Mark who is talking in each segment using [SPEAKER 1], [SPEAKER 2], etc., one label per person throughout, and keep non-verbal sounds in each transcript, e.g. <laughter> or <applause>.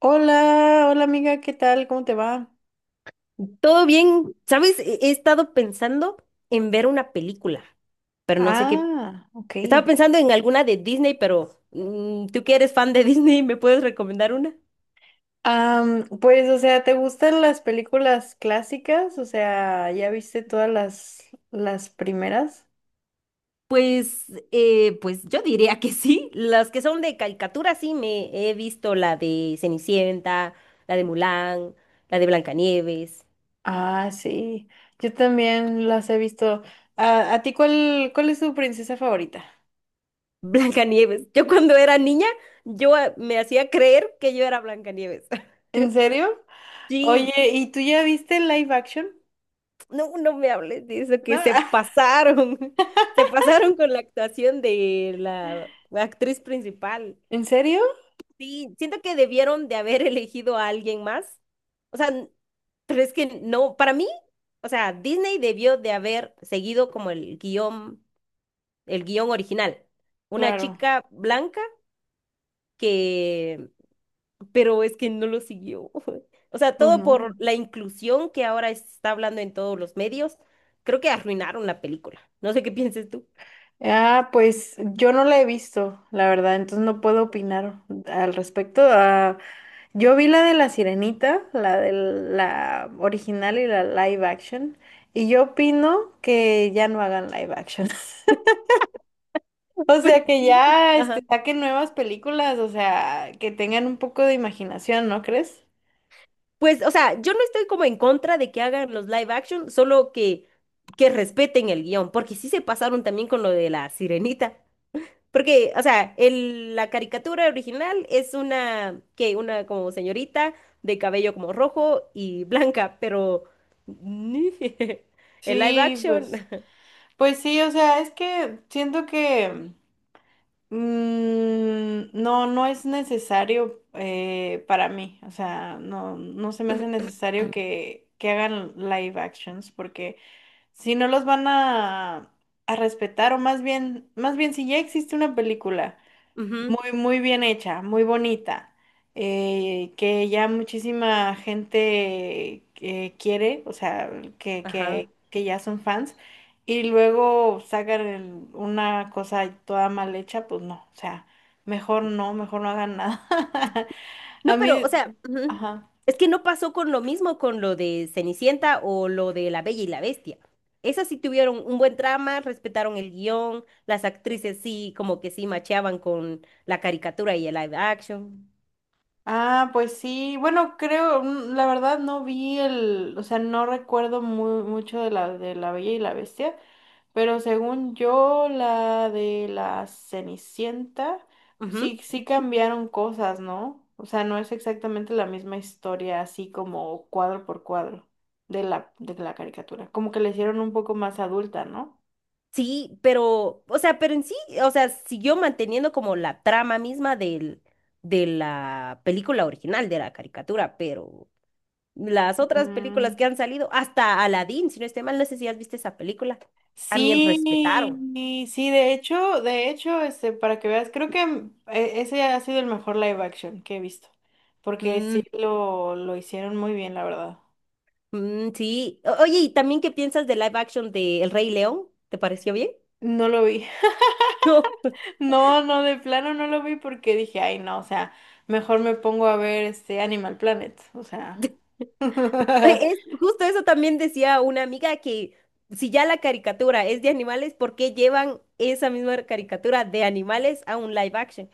[SPEAKER 1] Hola, hola amiga, ¿qué tal? ¿Cómo te va?
[SPEAKER 2] Todo bien, ¿sabes? He estado pensando en ver una película, pero no sé qué.
[SPEAKER 1] Ah, ok.
[SPEAKER 2] Estaba pensando en alguna de Disney, pero tú que eres fan de <laughs> Disney, ¿me puedes recomendar una?
[SPEAKER 1] Pues, o sea, ¿te gustan las películas clásicas? O sea, ¿ya viste todas las primeras?
[SPEAKER 2] Pues, pues yo diría que sí. Las que son de caricatura, sí, me he visto la de Cenicienta, la de Mulan, la de Blancanieves.
[SPEAKER 1] Ah, sí, yo también las he visto. Ah, ¿a ti cuál es tu princesa favorita?
[SPEAKER 2] <laughs> Blancanieves. Yo cuando era niña, yo me hacía creer que yo era Blancanieves.
[SPEAKER 1] ¿En
[SPEAKER 2] <laughs>
[SPEAKER 1] serio?
[SPEAKER 2] Sí.
[SPEAKER 1] Oye, ¿y tú ya viste el live action?
[SPEAKER 2] No, no me hables de eso, que
[SPEAKER 1] ¿No?
[SPEAKER 2] se
[SPEAKER 1] <laughs>
[SPEAKER 2] pasaron, <laughs> se pasaron con la actuación de la actriz principal.
[SPEAKER 1] ¿En serio?
[SPEAKER 2] Sí, siento que debieron de haber elegido a alguien más. O sea, pero es que no, para mí, o sea, Disney debió de haber seguido como el guión original. Una
[SPEAKER 1] Claro,
[SPEAKER 2] chica blanca que pero es que no lo siguió. <laughs> O sea,
[SPEAKER 1] pues
[SPEAKER 2] todo por
[SPEAKER 1] no.
[SPEAKER 2] la inclusión que ahora está hablando en todos los medios, creo que arruinaron la película. No sé qué pienses tú.
[SPEAKER 1] Ah, pues yo no la he visto, la verdad, entonces no puedo opinar al respecto. Ah, yo vi la de la Sirenita, la de la original y la live action, y yo opino que ya no hagan live action. <laughs> O
[SPEAKER 2] <laughs> Pues
[SPEAKER 1] sea, que
[SPEAKER 2] sí.
[SPEAKER 1] ya
[SPEAKER 2] Ajá.
[SPEAKER 1] este, saquen nuevas películas, o sea, que tengan un poco de imaginación, ¿no crees?
[SPEAKER 2] Pues, o sea, yo no estoy como en contra de que hagan los live action, solo que respeten el guión, porque sí se pasaron también con lo de la sirenita. Porque, o sea, la caricatura original es una, que una como señorita de cabello como rojo y blanca, pero <laughs> el live
[SPEAKER 1] Sí, pues,
[SPEAKER 2] action.
[SPEAKER 1] pues sí, o sea, es que siento que. Mm, no, no es necesario para mí, o sea, no, no se me hace necesario que hagan live actions, porque si no los van a respetar, o más bien si ya existe una película
[SPEAKER 2] Ujú,
[SPEAKER 1] muy, muy bien hecha, muy bonita, que ya muchísima gente quiere, o sea, que, que,
[SPEAKER 2] ajá.
[SPEAKER 1] que ya son fans, y luego sacan una cosa toda mal hecha, pues no, o sea, mejor no hagan nada. <laughs> A
[SPEAKER 2] No, pero,
[SPEAKER 1] mí,
[SPEAKER 2] o sea, ujú.
[SPEAKER 1] ajá.
[SPEAKER 2] Es que no pasó con lo mismo con lo de Cenicienta o lo de La Bella y la Bestia. Esas sí tuvieron un buen trama, respetaron el guión, las actrices sí, como que sí macheaban con la caricatura y el live action.
[SPEAKER 1] Ah, pues sí, bueno, creo, la verdad no vi el, o sea, no recuerdo mucho de de La Bella y la Bestia. Pero según yo, la de la Cenicienta,
[SPEAKER 2] Ujú.
[SPEAKER 1] sí, sí cambiaron cosas, ¿no? O sea, no es exactamente la misma historia, así como cuadro por cuadro de la caricatura. Como que la hicieron un poco más adulta, ¿no?
[SPEAKER 2] Sí, pero, o sea, pero en sí, o sea, siguió manteniendo como la trama misma del, de la película original, de la caricatura, pero las otras películas que
[SPEAKER 1] Mm,
[SPEAKER 2] han salido, hasta Aladdin, si no estoy mal, no sé si has visto esa película. También respetaron.
[SPEAKER 1] sí, sí, de hecho, este, para que veas, creo que ese ha sido el mejor live action que he visto, porque sí
[SPEAKER 2] Mm,
[SPEAKER 1] lo hicieron muy bien, la verdad.
[SPEAKER 2] mm, sí. Oye, ¿y también qué piensas de live action de El Rey León? ¿Te pareció bien?
[SPEAKER 1] No lo vi.
[SPEAKER 2] No.
[SPEAKER 1] No, no, de plano no lo vi porque dije, ay, no, o sea, mejor me pongo a ver este Animal Planet, o sea,
[SPEAKER 2] <laughs>
[SPEAKER 1] <laughs>
[SPEAKER 2] Es, justo eso también decía una amiga que si ya la caricatura es de animales, ¿por qué llevan esa misma caricatura de animales a un live action?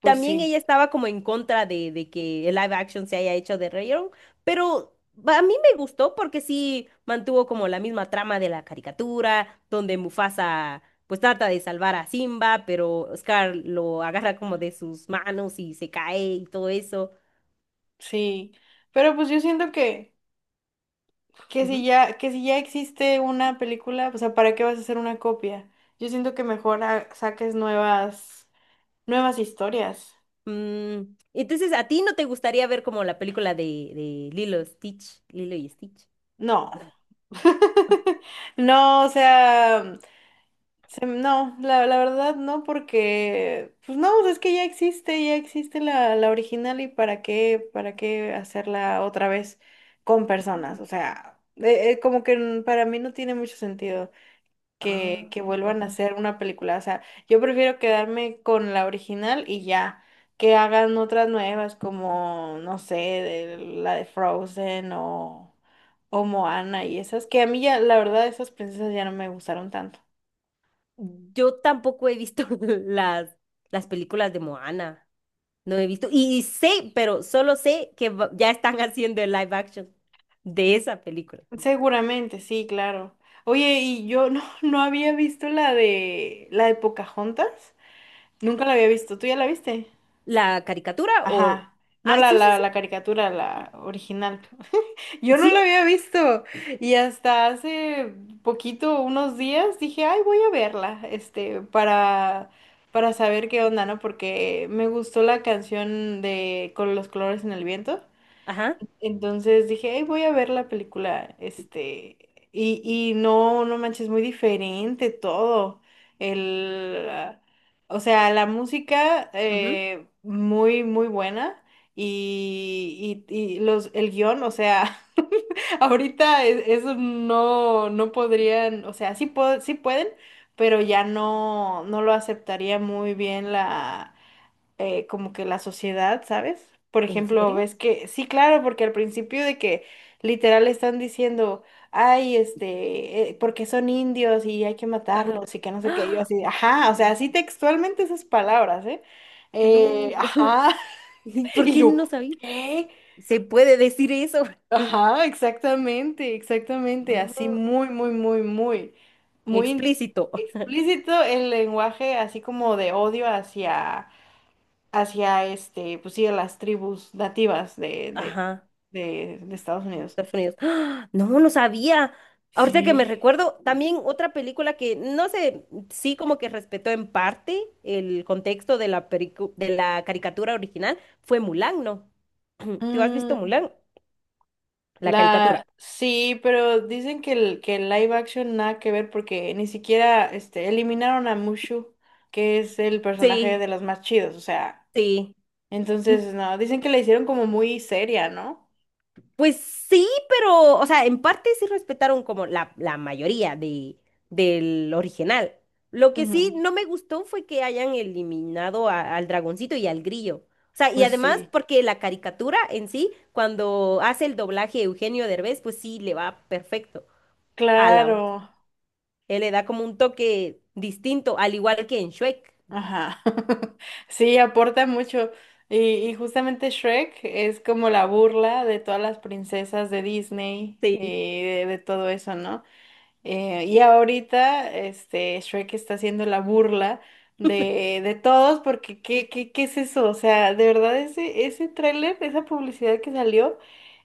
[SPEAKER 1] pues
[SPEAKER 2] También ella
[SPEAKER 1] sí,
[SPEAKER 2] estaba como en contra de que el live action se haya hecho de rayon, pero a mí me gustó porque sí mantuvo como la misma trama de la caricatura, donde Mufasa pues trata de salvar a Simba, pero Scar lo agarra como de sus manos y se cae y todo eso.
[SPEAKER 1] sí, pero pues yo siento que si
[SPEAKER 2] Ujú.
[SPEAKER 1] ya, que si ya, existe una película, o sea, ¿para qué vas a hacer una copia? Yo siento que mejor saques nuevas historias.
[SPEAKER 2] Mm, entonces, ¿a ti no te gustaría ver como la película de Lilo Stitch? Lilo y Stitch.
[SPEAKER 1] No. <laughs> No, o sea. No, la verdad no, porque pues no, es que ya existe la original y para qué hacerla otra vez con personas.
[SPEAKER 2] Mm.
[SPEAKER 1] O sea, como que para mí no tiene mucho sentido
[SPEAKER 2] Ah,
[SPEAKER 1] que vuelvan a hacer una película. O sea, yo prefiero quedarme con la original y ya, que hagan otras nuevas como, no sé, la de Frozen o Moana y esas, que a mí ya, la verdad, esas princesas ya no me gustaron tanto.
[SPEAKER 2] yo tampoco he visto <laughs> las, las películas de Moana. No he visto. Y sé, pero solo sé que ya están <laughs> haciendo el live action de esa película.
[SPEAKER 1] Seguramente, sí, claro. Oye, y yo no, <laughs> no había visto la de Pocahontas. Nunca la había visto. ¿Tú ya la viste?
[SPEAKER 2] ¿La caricatura o...?
[SPEAKER 1] Ajá. No,
[SPEAKER 2] Ah,
[SPEAKER 1] la,
[SPEAKER 2] sí, sí,
[SPEAKER 1] la,
[SPEAKER 2] sí.
[SPEAKER 1] la caricatura, la original. Yo no la
[SPEAKER 2] Sí,
[SPEAKER 1] había visto. Y hasta hace poquito, unos días, dije, ay, voy a verla, este, para saber qué onda, ¿no? Porque me gustó la canción de Con los colores en el viento.
[SPEAKER 2] ajá.
[SPEAKER 1] Entonces dije, "Ay, voy a ver la película, este, y no, no manches, muy diferente todo. El, ah, o sea, la música
[SPEAKER 2] Ujú.
[SPEAKER 1] muy, muy buena y el guión, o sea, <laughs> ahorita eso no, no podrían, o sea, sí, sí pueden, pero ya no, no lo aceptaría muy bien como que la sociedad, ¿sabes? Por
[SPEAKER 2] ¿En
[SPEAKER 1] ejemplo,
[SPEAKER 2] serio?
[SPEAKER 1] ves que, sí, claro, porque al principio de que literal están diciendo, ay, este, porque son indios y hay que matarlos y que no sé qué, yo
[SPEAKER 2] ¡Ah!
[SPEAKER 1] así, ajá, o sea, así textualmente esas palabras, ¿eh? Eh,
[SPEAKER 2] No. <laughs>
[SPEAKER 1] ajá,
[SPEAKER 2] ¿Y
[SPEAKER 1] <laughs>
[SPEAKER 2] ¿Por
[SPEAKER 1] y
[SPEAKER 2] qué no
[SPEAKER 1] yo,
[SPEAKER 2] sabía?
[SPEAKER 1] ¿qué?
[SPEAKER 2] ¿Se puede decir eso? <laughs>
[SPEAKER 1] Ajá, exactamente, exactamente, así
[SPEAKER 2] No.
[SPEAKER 1] muy, muy, muy, muy, muy
[SPEAKER 2] Explícito.
[SPEAKER 1] explícito el lenguaje, así como de odio hacia este, pues sí, a las tribus nativas
[SPEAKER 2] Ajá.
[SPEAKER 1] de Estados
[SPEAKER 2] De
[SPEAKER 1] Unidos.
[SPEAKER 2] Estados Unidos. ¡Ah! No, no sabía. Ahorita que me
[SPEAKER 1] Sí.
[SPEAKER 2] recuerdo, también otra película que no sé, sí como que respetó en parte el contexto de la, de la caricatura original fue Mulan, ¿no? <clears throat> ¿Tú has visto
[SPEAKER 1] Mm,
[SPEAKER 2] Mulan? La caricatura.
[SPEAKER 1] sí, pero dicen que el live action nada que ver porque ni siquiera este, eliminaron a Mushu, que es el personaje
[SPEAKER 2] Sí,
[SPEAKER 1] de los más chidos, o sea,
[SPEAKER 2] sí.
[SPEAKER 1] entonces no, dicen que la hicieron como muy seria, ¿no?
[SPEAKER 2] Pues sí, pero, o sea, en parte sí respetaron como la mayoría de, del original. Lo que
[SPEAKER 1] Ujú.
[SPEAKER 2] sí no me gustó fue que hayan eliminado al dragoncito y al grillo. O sea, y
[SPEAKER 1] Pues
[SPEAKER 2] además
[SPEAKER 1] sí.
[SPEAKER 2] porque la caricatura en sí, cuando hace el doblaje Eugenio Derbez, pues sí le va perfecto a la voz.
[SPEAKER 1] Claro.
[SPEAKER 2] Él le da como un toque distinto, al igual que en Shrek.
[SPEAKER 1] Ajá. <laughs> Sí, aporta mucho. Y justamente Shrek es como la burla de todas las princesas de Disney
[SPEAKER 2] Sí,
[SPEAKER 1] y de todo eso, ¿no? Y ahorita, este, Shrek está haciendo la burla de todos porque ¿qué es eso? O sea, de verdad ese tráiler, esa publicidad que salió,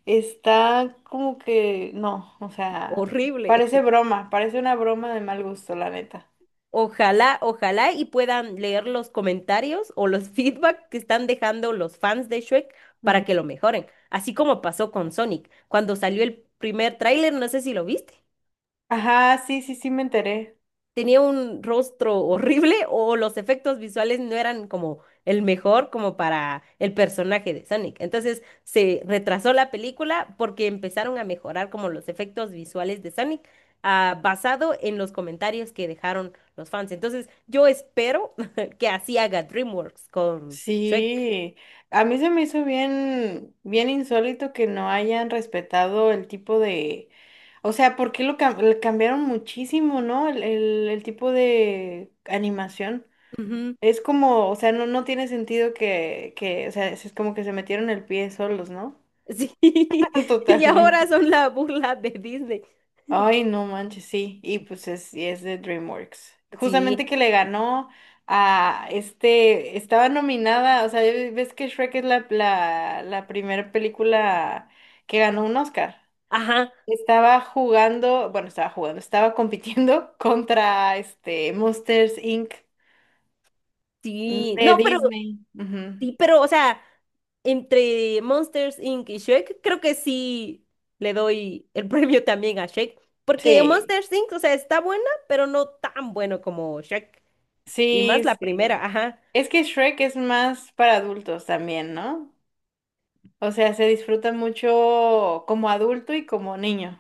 [SPEAKER 1] está como que, no, o sea,
[SPEAKER 2] horrible.
[SPEAKER 1] parece broma, parece una broma de mal gusto, la neta.
[SPEAKER 2] Ojalá, ojalá y puedan leer los comentarios o los <laughs> feedback que están dejando los fans de Shrek
[SPEAKER 1] Ujú.
[SPEAKER 2] para que lo mejoren, así como pasó con Sonic, cuando salió el primer tráiler, no sé si lo viste,
[SPEAKER 1] Ajá, sí, sí, sí me enteré.
[SPEAKER 2] tenía un rostro horrible <laughs> o los efectos visuales no eran como el mejor como para el personaje de Sonic. Entonces se retrasó la película porque empezaron a mejorar como los efectos visuales de Sonic, ah, basado en los comentarios que dejaron los fans. Entonces, yo espero <laughs> que así haga DreamWorks con Shrek.
[SPEAKER 1] Sí, a mí se me hizo bien, bien insólito que no hayan respetado el tipo de, o sea, ¿por qué le cambiaron muchísimo, ¿no? El tipo de animación.
[SPEAKER 2] Ujú.
[SPEAKER 1] Es como, o sea, no, no tiene sentido o sea, es como que se metieron el pie solos, ¿no?
[SPEAKER 2] Sí, <laughs>
[SPEAKER 1] <laughs>
[SPEAKER 2] y ahora
[SPEAKER 1] Totalmente.
[SPEAKER 2] son la burla de Disney.
[SPEAKER 1] Ay, no manches, sí. Y pues y es de DreamWorks. Justamente
[SPEAKER 2] Sí,
[SPEAKER 1] que le ganó a este, estaba nominada, o sea, ves que Shrek es la primera película que ganó un Oscar.
[SPEAKER 2] ajá,
[SPEAKER 1] Estaba jugando, bueno, estaba jugando, Estaba compitiendo <laughs> contra este Monsters Inc.
[SPEAKER 2] sí.
[SPEAKER 1] de
[SPEAKER 2] No, pero
[SPEAKER 1] Disney. Ujú.
[SPEAKER 2] sí, pero, o sea, entre Monsters Inc. y Shrek, creo que sí le doy el <laughs> premio también a Shrek. Porque
[SPEAKER 1] Sí,
[SPEAKER 2] Monsters Inc., o sea, está buena, pero no tan bueno como Shrek. Y más
[SPEAKER 1] sí,
[SPEAKER 2] la
[SPEAKER 1] sí.
[SPEAKER 2] primera, ajá.
[SPEAKER 1] Es que Shrek es más para adultos también, ¿no? O sea, se disfruta mucho como adulto y como niño.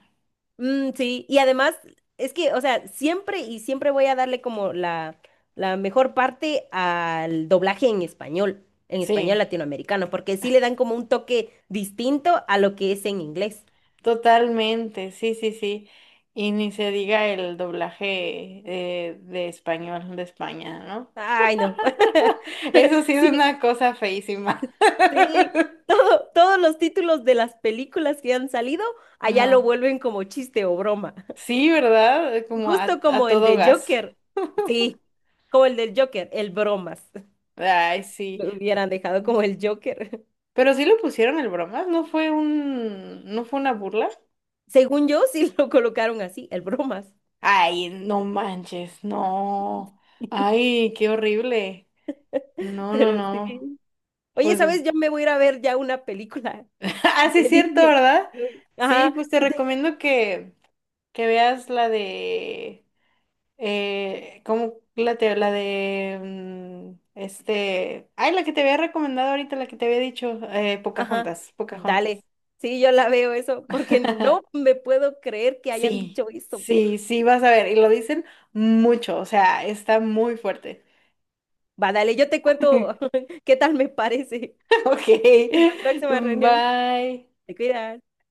[SPEAKER 2] Mm, sí, y además, es que, o sea, siempre y siempre voy a darle como la mejor parte al doblaje en español
[SPEAKER 1] Sí,
[SPEAKER 2] latinoamericano, porque sí le dan como un toque distinto a lo que es en inglés.
[SPEAKER 1] totalmente, sí, sí, sí. Y ni se diga el doblaje de español de España, ¿no?
[SPEAKER 2] Ay, no.
[SPEAKER 1] <laughs> Eso
[SPEAKER 2] <laughs>
[SPEAKER 1] sí es
[SPEAKER 2] Sí.
[SPEAKER 1] una cosa feísima.
[SPEAKER 2] Sí,
[SPEAKER 1] <laughs>
[SPEAKER 2] todo, todos los títulos de las películas que han salido, allá lo
[SPEAKER 1] Ajá.
[SPEAKER 2] vuelven como chiste o broma. <laughs>
[SPEAKER 1] Sí, ¿verdad? Como
[SPEAKER 2] Justo
[SPEAKER 1] a
[SPEAKER 2] como el
[SPEAKER 1] todo
[SPEAKER 2] de
[SPEAKER 1] gas.
[SPEAKER 2] Joker. Sí,
[SPEAKER 1] <laughs>
[SPEAKER 2] como el del Joker, el bromas. <laughs>
[SPEAKER 1] Ay, sí.
[SPEAKER 2] Lo hubieran dejado como el Joker. <laughs>
[SPEAKER 1] Pero sí lo pusieron el bromas, no fue una burla?
[SPEAKER 2] Según yo, sí lo colocaron así, el bromas.
[SPEAKER 1] Ay, no manches, no.
[SPEAKER 2] <laughs>
[SPEAKER 1] Ay, qué horrible. No, no,
[SPEAKER 2] Pero
[SPEAKER 1] no.
[SPEAKER 2] sí. Oye,
[SPEAKER 1] Pues,
[SPEAKER 2] ¿sabes? Yo me
[SPEAKER 1] <laughs>
[SPEAKER 2] voy a ir a ver ya una película <laughs>
[SPEAKER 1] ah, sí
[SPEAKER 2] de
[SPEAKER 1] es cierto,
[SPEAKER 2] Disney.
[SPEAKER 1] ¿verdad?
[SPEAKER 2] Uy,
[SPEAKER 1] Sí,
[SPEAKER 2] ajá,
[SPEAKER 1] pues te
[SPEAKER 2] <laughs> tengo-
[SPEAKER 1] recomiendo que veas eh, ¿cómo la te, la de, este, ay, la que te había recomendado ahorita, la que te había dicho,
[SPEAKER 2] ajá,
[SPEAKER 1] Pocahontas, Pocahontas.
[SPEAKER 2] dale. Sí, yo la veo eso, porque no
[SPEAKER 1] <laughs>
[SPEAKER 2] me puedo creer que hayan
[SPEAKER 1] Sí,
[SPEAKER 2] dicho eso.
[SPEAKER 1] sí, sí, vas a ver, y lo dicen mucho, o sea, está muy fuerte.
[SPEAKER 2] Va, dale, yo te cuento
[SPEAKER 1] <laughs>
[SPEAKER 2] <laughs> qué tal me parece
[SPEAKER 1] Ok,
[SPEAKER 2] en la próxima reunión.
[SPEAKER 1] bye.
[SPEAKER 2] Te cuidas.